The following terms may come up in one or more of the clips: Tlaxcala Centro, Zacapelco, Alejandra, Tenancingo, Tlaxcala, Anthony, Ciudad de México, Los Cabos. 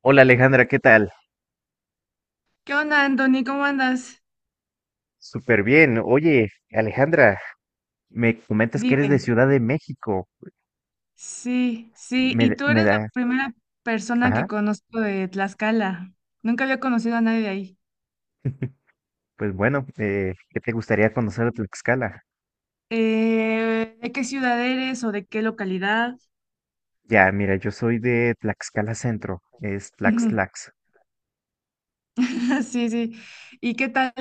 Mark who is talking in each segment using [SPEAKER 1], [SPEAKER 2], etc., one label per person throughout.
[SPEAKER 1] Hola, Alejandra, ¿qué tal?
[SPEAKER 2] ¿Qué onda, Anthony? ¿Cómo andas?
[SPEAKER 1] Súper bien. Oye, Alejandra, me comentas que eres de
[SPEAKER 2] Dime.
[SPEAKER 1] Ciudad de México.
[SPEAKER 2] Sí, sí,
[SPEAKER 1] Me,
[SPEAKER 2] y
[SPEAKER 1] d-
[SPEAKER 2] tú
[SPEAKER 1] me
[SPEAKER 2] eres la
[SPEAKER 1] da...
[SPEAKER 2] primera persona que
[SPEAKER 1] Ajá.
[SPEAKER 2] conozco de Tlaxcala. Nunca había conocido a nadie de ahí.
[SPEAKER 1] Pues bueno, ¿qué te gustaría conocer de Tlaxcala?
[SPEAKER 2] ¿De qué ciudad eres o de qué localidad?
[SPEAKER 1] Ya, mira, yo soy de Tlaxcala Centro, es Tlax
[SPEAKER 2] Ujú.
[SPEAKER 1] Tlax.
[SPEAKER 2] Sí, sí. ¿Y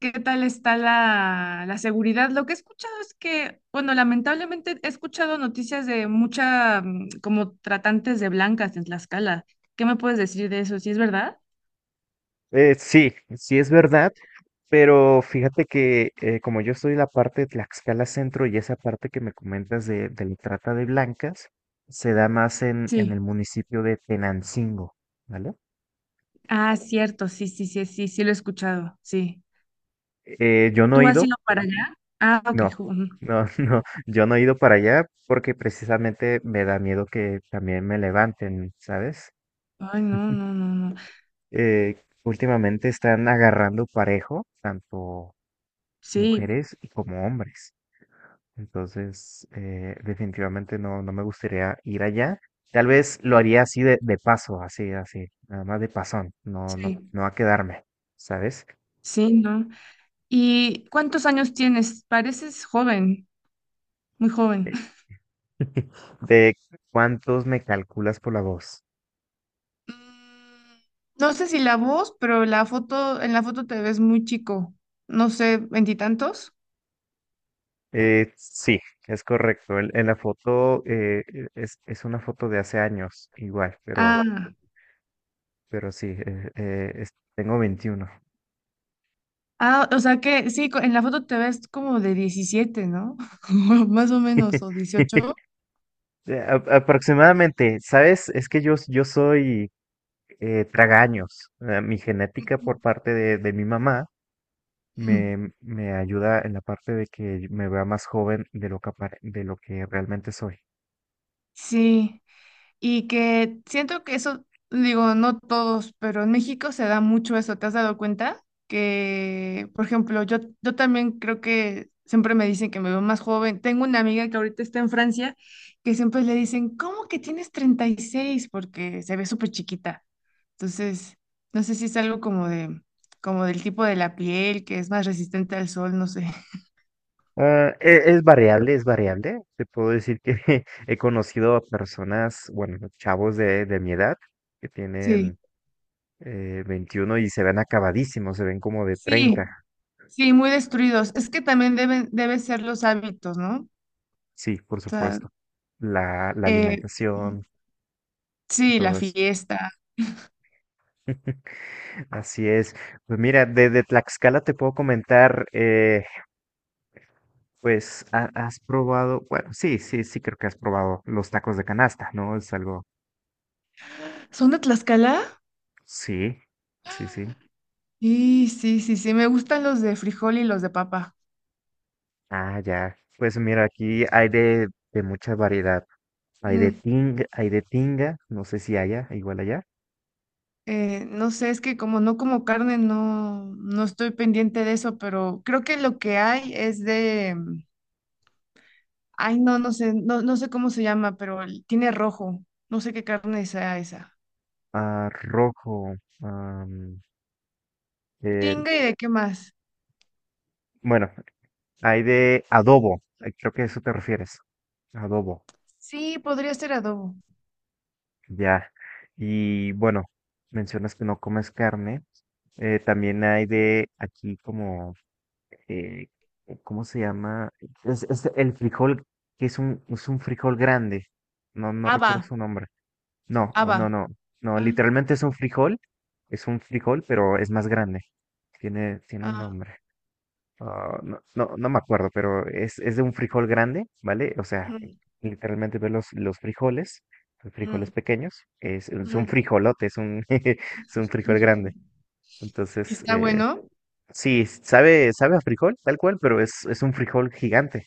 [SPEAKER 2] qué tal está la seguridad? Lo que he escuchado es que, bueno, lamentablemente he escuchado noticias de mucha, como tratantes de blancas en Tlaxcala. ¿Qué me puedes decir de eso? ¿Sí es verdad?
[SPEAKER 1] Sí, sí es verdad, pero fíjate que como yo soy la parte de Tlaxcala Centro y esa parte que me comentas de la trata de blancas, se da más en
[SPEAKER 2] Sí.
[SPEAKER 1] el municipio de Tenancingo, ¿vale?
[SPEAKER 2] Ah, cierto, sí, sí, sí, sí, sí lo he escuchado, sí.
[SPEAKER 1] Yo no he
[SPEAKER 2] ¿Tú has
[SPEAKER 1] ido.
[SPEAKER 2] ido para allá? Ah, ok.
[SPEAKER 1] No,
[SPEAKER 2] Ujú.
[SPEAKER 1] no, no, yo no he ido para allá porque precisamente me da miedo que también me levanten, ¿sabes?
[SPEAKER 2] Ay, no, no, no, no.
[SPEAKER 1] Últimamente están agarrando parejo, tanto
[SPEAKER 2] Sí,
[SPEAKER 1] mujeres y como hombres. Entonces, definitivamente no, no me gustaría ir allá. Tal vez lo haría así de paso, así, así, nada más de pasón, no, no,
[SPEAKER 2] sí,
[SPEAKER 1] no a quedarme, ¿sabes?
[SPEAKER 2] sí, no. ¿Y cuántos años tienes? Pareces joven, muy joven.
[SPEAKER 1] Eh, ¿De cuántos me calculas por la voz?
[SPEAKER 2] Mm, No sé si la voz, pero la foto, en la foto te ves muy chico. No sé, veintitantos.
[SPEAKER 1] Sí, es correcto. En la foto es una foto de hace años, igual,
[SPEAKER 2] Ah,
[SPEAKER 1] pero sí, tengo veintiuno.
[SPEAKER 2] Ah, o sea que sí, en la foto te ves como de 17, ¿no? Más o menos, o 18.
[SPEAKER 1] Aproximadamente, ¿sabes? Es que yo soy tragaños. Mi genética
[SPEAKER 2] Ujú.
[SPEAKER 1] por parte de mi mamá
[SPEAKER 2] Mm,
[SPEAKER 1] me ayuda en la parte de que me vea más joven de lo que, de lo que realmente soy.
[SPEAKER 2] Sí. Y que siento que eso, digo, no todos, pero en México se da mucho eso. ¿Te has dado cuenta? Que, por ejemplo, yo también creo que siempre me dicen que me veo más joven. Tengo una amiga que ahorita está en Francia, que siempre le dicen, ¿cómo que tienes 36? Porque se ve súper chiquita. Entonces, no sé si es algo como de, como del tipo de la piel, que es más resistente al sol, no sé.
[SPEAKER 1] Ah, es variable, es variable. Te puedo decir que he conocido a personas, bueno, chavos de mi edad que
[SPEAKER 2] Sí,
[SPEAKER 1] tienen 21 y se ven acabadísimos, se ven como de treinta.
[SPEAKER 2] sí, sí, muy destruidos. Es que también deben ser los hábitos, ¿no? O
[SPEAKER 1] Sí, por
[SPEAKER 2] sea,
[SPEAKER 1] supuesto. La
[SPEAKER 2] Eh,
[SPEAKER 1] alimentación, y
[SPEAKER 2] sí, la
[SPEAKER 1] todo eso.
[SPEAKER 2] fiesta.
[SPEAKER 1] Así es. Pues mira, desde Tlaxcala te puedo comentar, pues has probado, bueno, sí, sí, sí creo que has probado los tacos de canasta, ¿no? Es algo,
[SPEAKER 2] ¿Son de Tlaxcala?
[SPEAKER 1] sí, sí, sí.
[SPEAKER 2] Sí, sí, sí, sí. Me gustan los de frijol y los de papa.
[SPEAKER 1] Ah, ya. Pues mira, aquí hay de mucha variedad. Hay de
[SPEAKER 2] Ujú.
[SPEAKER 1] tinga, no sé si haya, igual allá.
[SPEAKER 2] No sé, es que como no como carne, no estoy pendiente de eso, pero creo que lo que hay es de, ay, no sé, no sé cómo se llama, pero tiene rojo. No sé qué carne sea esa.
[SPEAKER 1] Ah, rojo. am, eh,
[SPEAKER 2] Tinga y de qué más.
[SPEAKER 1] bueno, hay de adobo. Creo que a eso te refieres. Adobo.
[SPEAKER 2] Sí, podría ser adobo.
[SPEAKER 1] Ya. Y bueno, mencionas que no comes carne. También hay de aquí como, eh, ¿cómo se llama? Es el frijol, que es es un frijol grande. No, no recuerdo
[SPEAKER 2] Haba,
[SPEAKER 1] su nombre. No, oh,
[SPEAKER 2] haba.
[SPEAKER 1] no, no, no,
[SPEAKER 2] Ah,
[SPEAKER 1] literalmente es un frijol, pero es más grande. Tiene un
[SPEAKER 2] ah,
[SPEAKER 1] nombre. Ah, no, no, no me acuerdo, pero es de un frijol grande, ¿vale? O sea,
[SPEAKER 2] ujú,
[SPEAKER 1] literalmente ves los frijoles
[SPEAKER 2] ujú,
[SPEAKER 1] pequeños, es un
[SPEAKER 2] ujú.
[SPEAKER 1] frijolote, es un, es un frijol grande. Entonces,
[SPEAKER 2] Está bueno.
[SPEAKER 1] sí, sabe, sabe a frijol, tal cual, pero es un frijol gigante.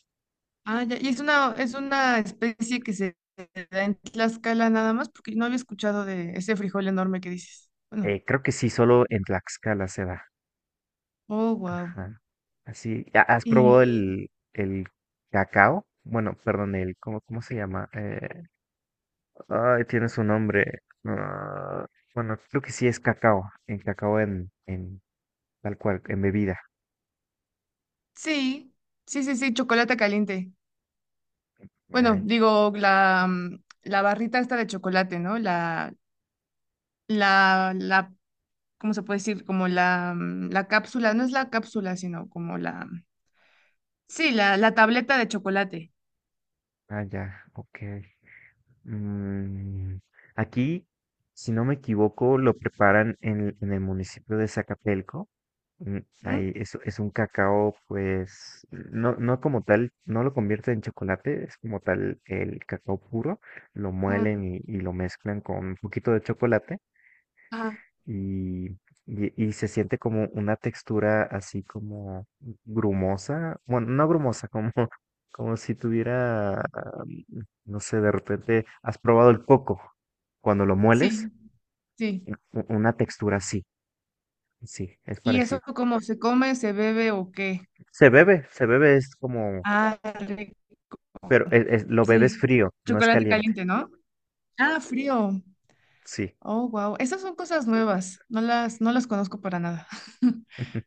[SPEAKER 2] Ah, ya. Y es una especie que se da en Tlaxcala nada más, porque no había escuchado de ese frijol enorme que dices. Bueno,
[SPEAKER 1] Creo que sí, solo en Tlaxcala se da.
[SPEAKER 2] oh, wow.
[SPEAKER 1] Ajá. Así, ¿has probado
[SPEAKER 2] Y
[SPEAKER 1] el cacao? Bueno, perdón, el, ¿cómo, cómo se llama? Ay, tiene su nombre. Bueno, creo que sí es cacao, en cacao en tal cual, en bebida.
[SPEAKER 2] sí, sí, sí, sí, chocolate caliente. Bueno,
[SPEAKER 1] Ah,
[SPEAKER 2] digo, la, la barrita esta de chocolate, ¿no? La, la, ¿Cómo se puede decir? Como la, la cápsula, no es la cápsula, sino como la, sí, la tableta de chocolate.
[SPEAKER 1] ya, ok. Mm, aquí, si no me equivoco, lo preparan en el municipio de Zacapelco. Mm,
[SPEAKER 2] ¿No?
[SPEAKER 1] ahí es un cacao, pues, no, no como tal, no lo convierte en chocolate, es como tal el cacao puro, lo
[SPEAKER 2] Ajá,
[SPEAKER 1] muelen y lo mezclan con un poquito de chocolate
[SPEAKER 2] ajá.
[SPEAKER 1] y, y se siente como una textura así como grumosa, bueno, no grumosa, como, como si tuviera, no sé, de repente has probado el coco, cuando lo mueles,
[SPEAKER 2] Sí, sí.
[SPEAKER 1] una textura así, sí, es
[SPEAKER 2] ¿Y
[SPEAKER 1] parecido.
[SPEAKER 2] eso cómo se come, se bebe o qué?
[SPEAKER 1] Se bebe, es como,
[SPEAKER 2] Ah, rico.
[SPEAKER 1] pero lo bebes
[SPEAKER 2] Sí.
[SPEAKER 1] frío, no es
[SPEAKER 2] Chocolate
[SPEAKER 1] caliente,
[SPEAKER 2] caliente, ¿no? Ah, frío.
[SPEAKER 1] sí.
[SPEAKER 2] Oh, wow. Esas son cosas nuevas. No las conozco para nada.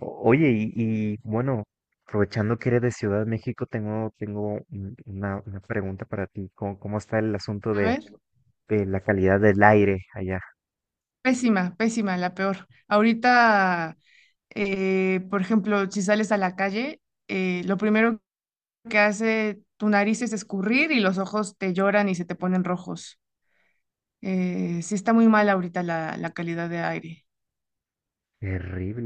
[SPEAKER 1] Oye, y, bueno, aprovechando que eres de Ciudad de México, tengo, tengo una pregunta para ti. ¿Cómo, cómo está el asunto
[SPEAKER 2] A ver,
[SPEAKER 1] de la calidad del aire allá?
[SPEAKER 2] pésima, pésima, la peor. Ahorita, por ejemplo, si sales a la calle, lo primero que hace tu nariz es escurrir y los ojos te lloran y se te ponen rojos. Sí está muy mal ahorita la calidad de aire.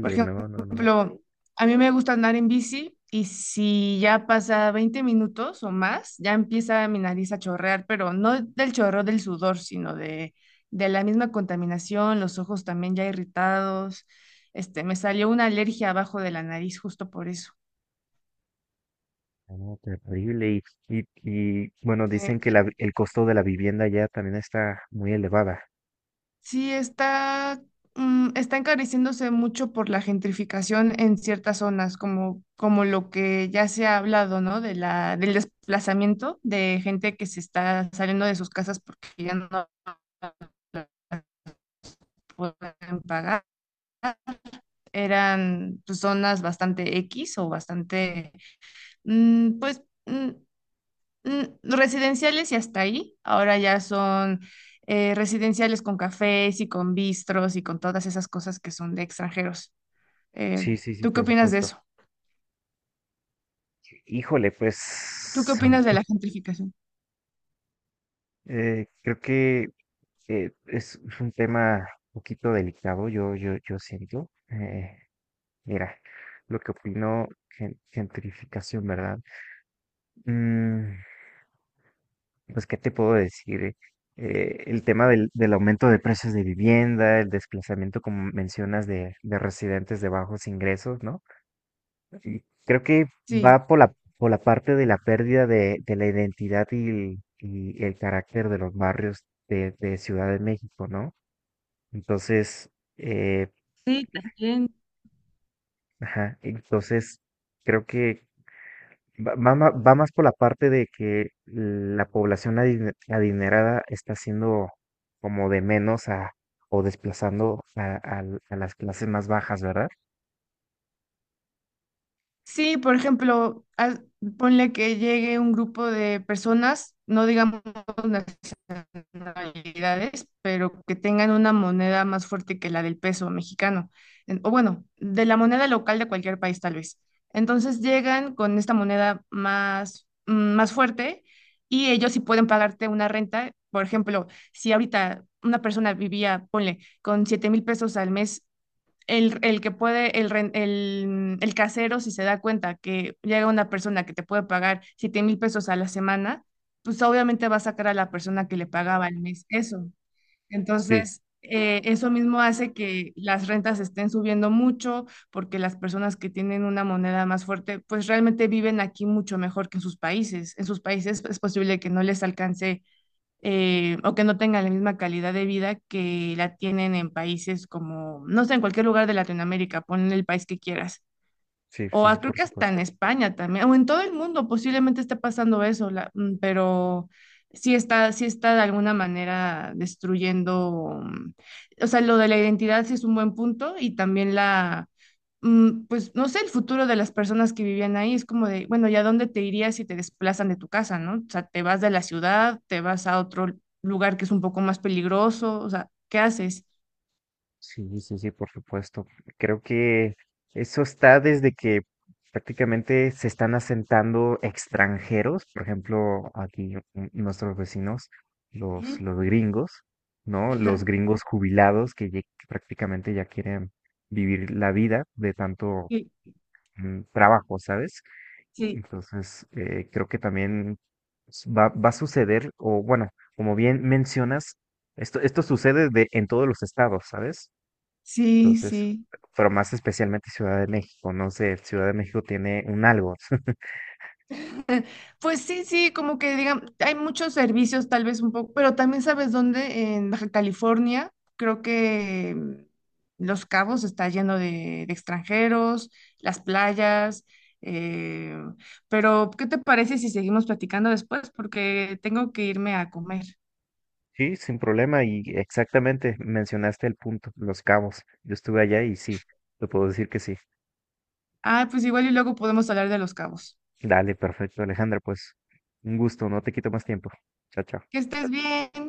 [SPEAKER 2] Por
[SPEAKER 1] no, no, no.
[SPEAKER 2] ejemplo, a mí me gusta andar en bici y si ya pasa 20 minutos o más, ya empieza mi nariz a chorrear, pero no del chorro del sudor, sino de la misma contaminación, los ojos también ya irritados. Este, me salió una alergia abajo de la nariz justo por eso.
[SPEAKER 1] No, terrible. Y, y, y, bueno, dicen que el costo de la vivienda allá también está muy elevada.
[SPEAKER 2] Sí, está, está encareciéndose mucho por la gentrificación en ciertas zonas, como, como lo que ya se ha hablado, ¿no? De del desplazamiento de gente que se está saliendo de sus casas porque ya no pueden pagar. Eran pues, zonas bastante X o bastante, mm, pues, mm, residenciales y hasta ahí. Ahora ya son residenciales con cafés y con bistros y con todas esas cosas que son de extranjeros. Eh,
[SPEAKER 1] Sí, sí, sí,
[SPEAKER 2] ¿Tú qué
[SPEAKER 1] por
[SPEAKER 2] opinas de
[SPEAKER 1] supuesto.
[SPEAKER 2] eso?
[SPEAKER 1] Híjole,
[SPEAKER 2] ¿Tú qué
[SPEAKER 1] pues
[SPEAKER 2] opinas de la gentrificación?
[SPEAKER 1] creo que es un tema un poquito delicado, yo siento. Mira, lo que opino, gentrificación, ¿verdad? Mm, pues, ¿qué te puedo decir? El tema del aumento de precios de vivienda, el desplazamiento, como mencionas, de residentes de bajos ingresos, ¿no? Y creo que
[SPEAKER 2] Sí.
[SPEAKER 1] va por por la parte de la pérdida de la identidad y el carácter de los barrios de Ciudad de México, ¿no? Entonces, eh,
[SPEAKER 2] Sí, también.
[SPEAKER 1] ajá, entonces creo que va más por la parte de que la población adinerada está siendo como de menos a, o desplazando a, a las clases más bajas, ¿verdad?
[SPEAKER 2] Sí, por ejemplo, ponle que llegue un grupo de personas, no digamos nacionalidades, pero que tengan una moneda más fuerte que la del peso mexicano, o bueno, de la moneda local de cualquier país tal vez. Entonces llegan con esta moneda más, más fuerte y ellos sí pueden pagarte una renta. Por ejemplo, si ahorita una persona vivía, ponle, con 7000 pesos al mes el que puede, el, ren- el casero, si se da cuenta que llega una persona que te puede pagar 7000 pesos a la semana, pues obviamente va a sacar a la persona que le pagaba al mes eso.
[SPEAKER 1] Sí,
[SPEAKER 2] Entonces, eso mismo hace que las rentas estén subiendo mucho porque las personas que tienen una moneda más fuerte, pues realmente viven aquí mucho mejor que en sus países. En sus países pues, es posible que no les alcance o que no tengan la misma calidad de vida que la tienen en países como, no sé, en cualquier lugar de Latinoamérica, pon el país que quieras.
[SPEAKER 1] sí, sí,
[SPEAKER 2] Creo
[SPEAKER 1] por
[SPEAKER 2] que hasta en
[SPEAKER 1] supuesto.
[SPEAKER 2] España también, o en todo el mundo posiblemente esté pasando eso, pero sí está de alguna manera destruyendo, o sea, lo de la identidad sí es un buen punto y también pues no sé, el futuro de las personas que vivían ahí es como de, bueno, ¿ya dónde te irías si te desplazan de tu casa, ¿no? O sea, te vas de la ciudad, te vas a otro lugar que es un poco más peligroso, o sea, ¿qué haces?
[SPEAKER 1] Sí, sí, sí, por supuesto. Creo que eso está desde que prácticamente se están asentando extranjeros, por ejemplo, aquí nuestros vecinos,
[SPEAKER 2] Ujú.
[SPEAKER 1] los gringos, ¿no? Los gringos jubilados que, que prácticamente ya quieren vivir la vida de tanto
[SPEAKER 2] Sí,
[SPEAKER 1] trabajo, ¿sabes?
[SPEAKER 2] sí.
[SPEAKER 1] Entonces, creo que también va a suceder, o bueno, como bien mencionas, esto sucede de, en todos los estados, ¿sabes?
[SPEAKER 2] Sí,
[SPEAKER 1] Entonces,
[SPEAKER 2] sí.
[SPEAKER 1] pero más especialmente Ciudad de México, no sé, Ciudad de México tiene un algo.
[SPEAKER 2] Eh, Pues sí, sí, como que digan, hay muchos servicios tal vez un poco, pero también sabes dónde, en Baja California, creo que Los Cabos está lleno de extranjeros, las playas, eh, pero ¿qué te parece si seguimos platicando después? Porque tengo que irme a comer.
[SPEAKER 1] Sí, sin problema, y exactamente mencionaste el punto, Los Cabos. Yo estuve allá y sí, te puedo decir que sí.
[SPEAKER 2] Ah, pues igual y luego podemos hablar de Los Cabos.
[SPEAKER 1] Dale, perfecto, Alejandra, pues un gusto, no te quito más tiempo. Chao, chao.
[SPEAKER 2] Que estés bien.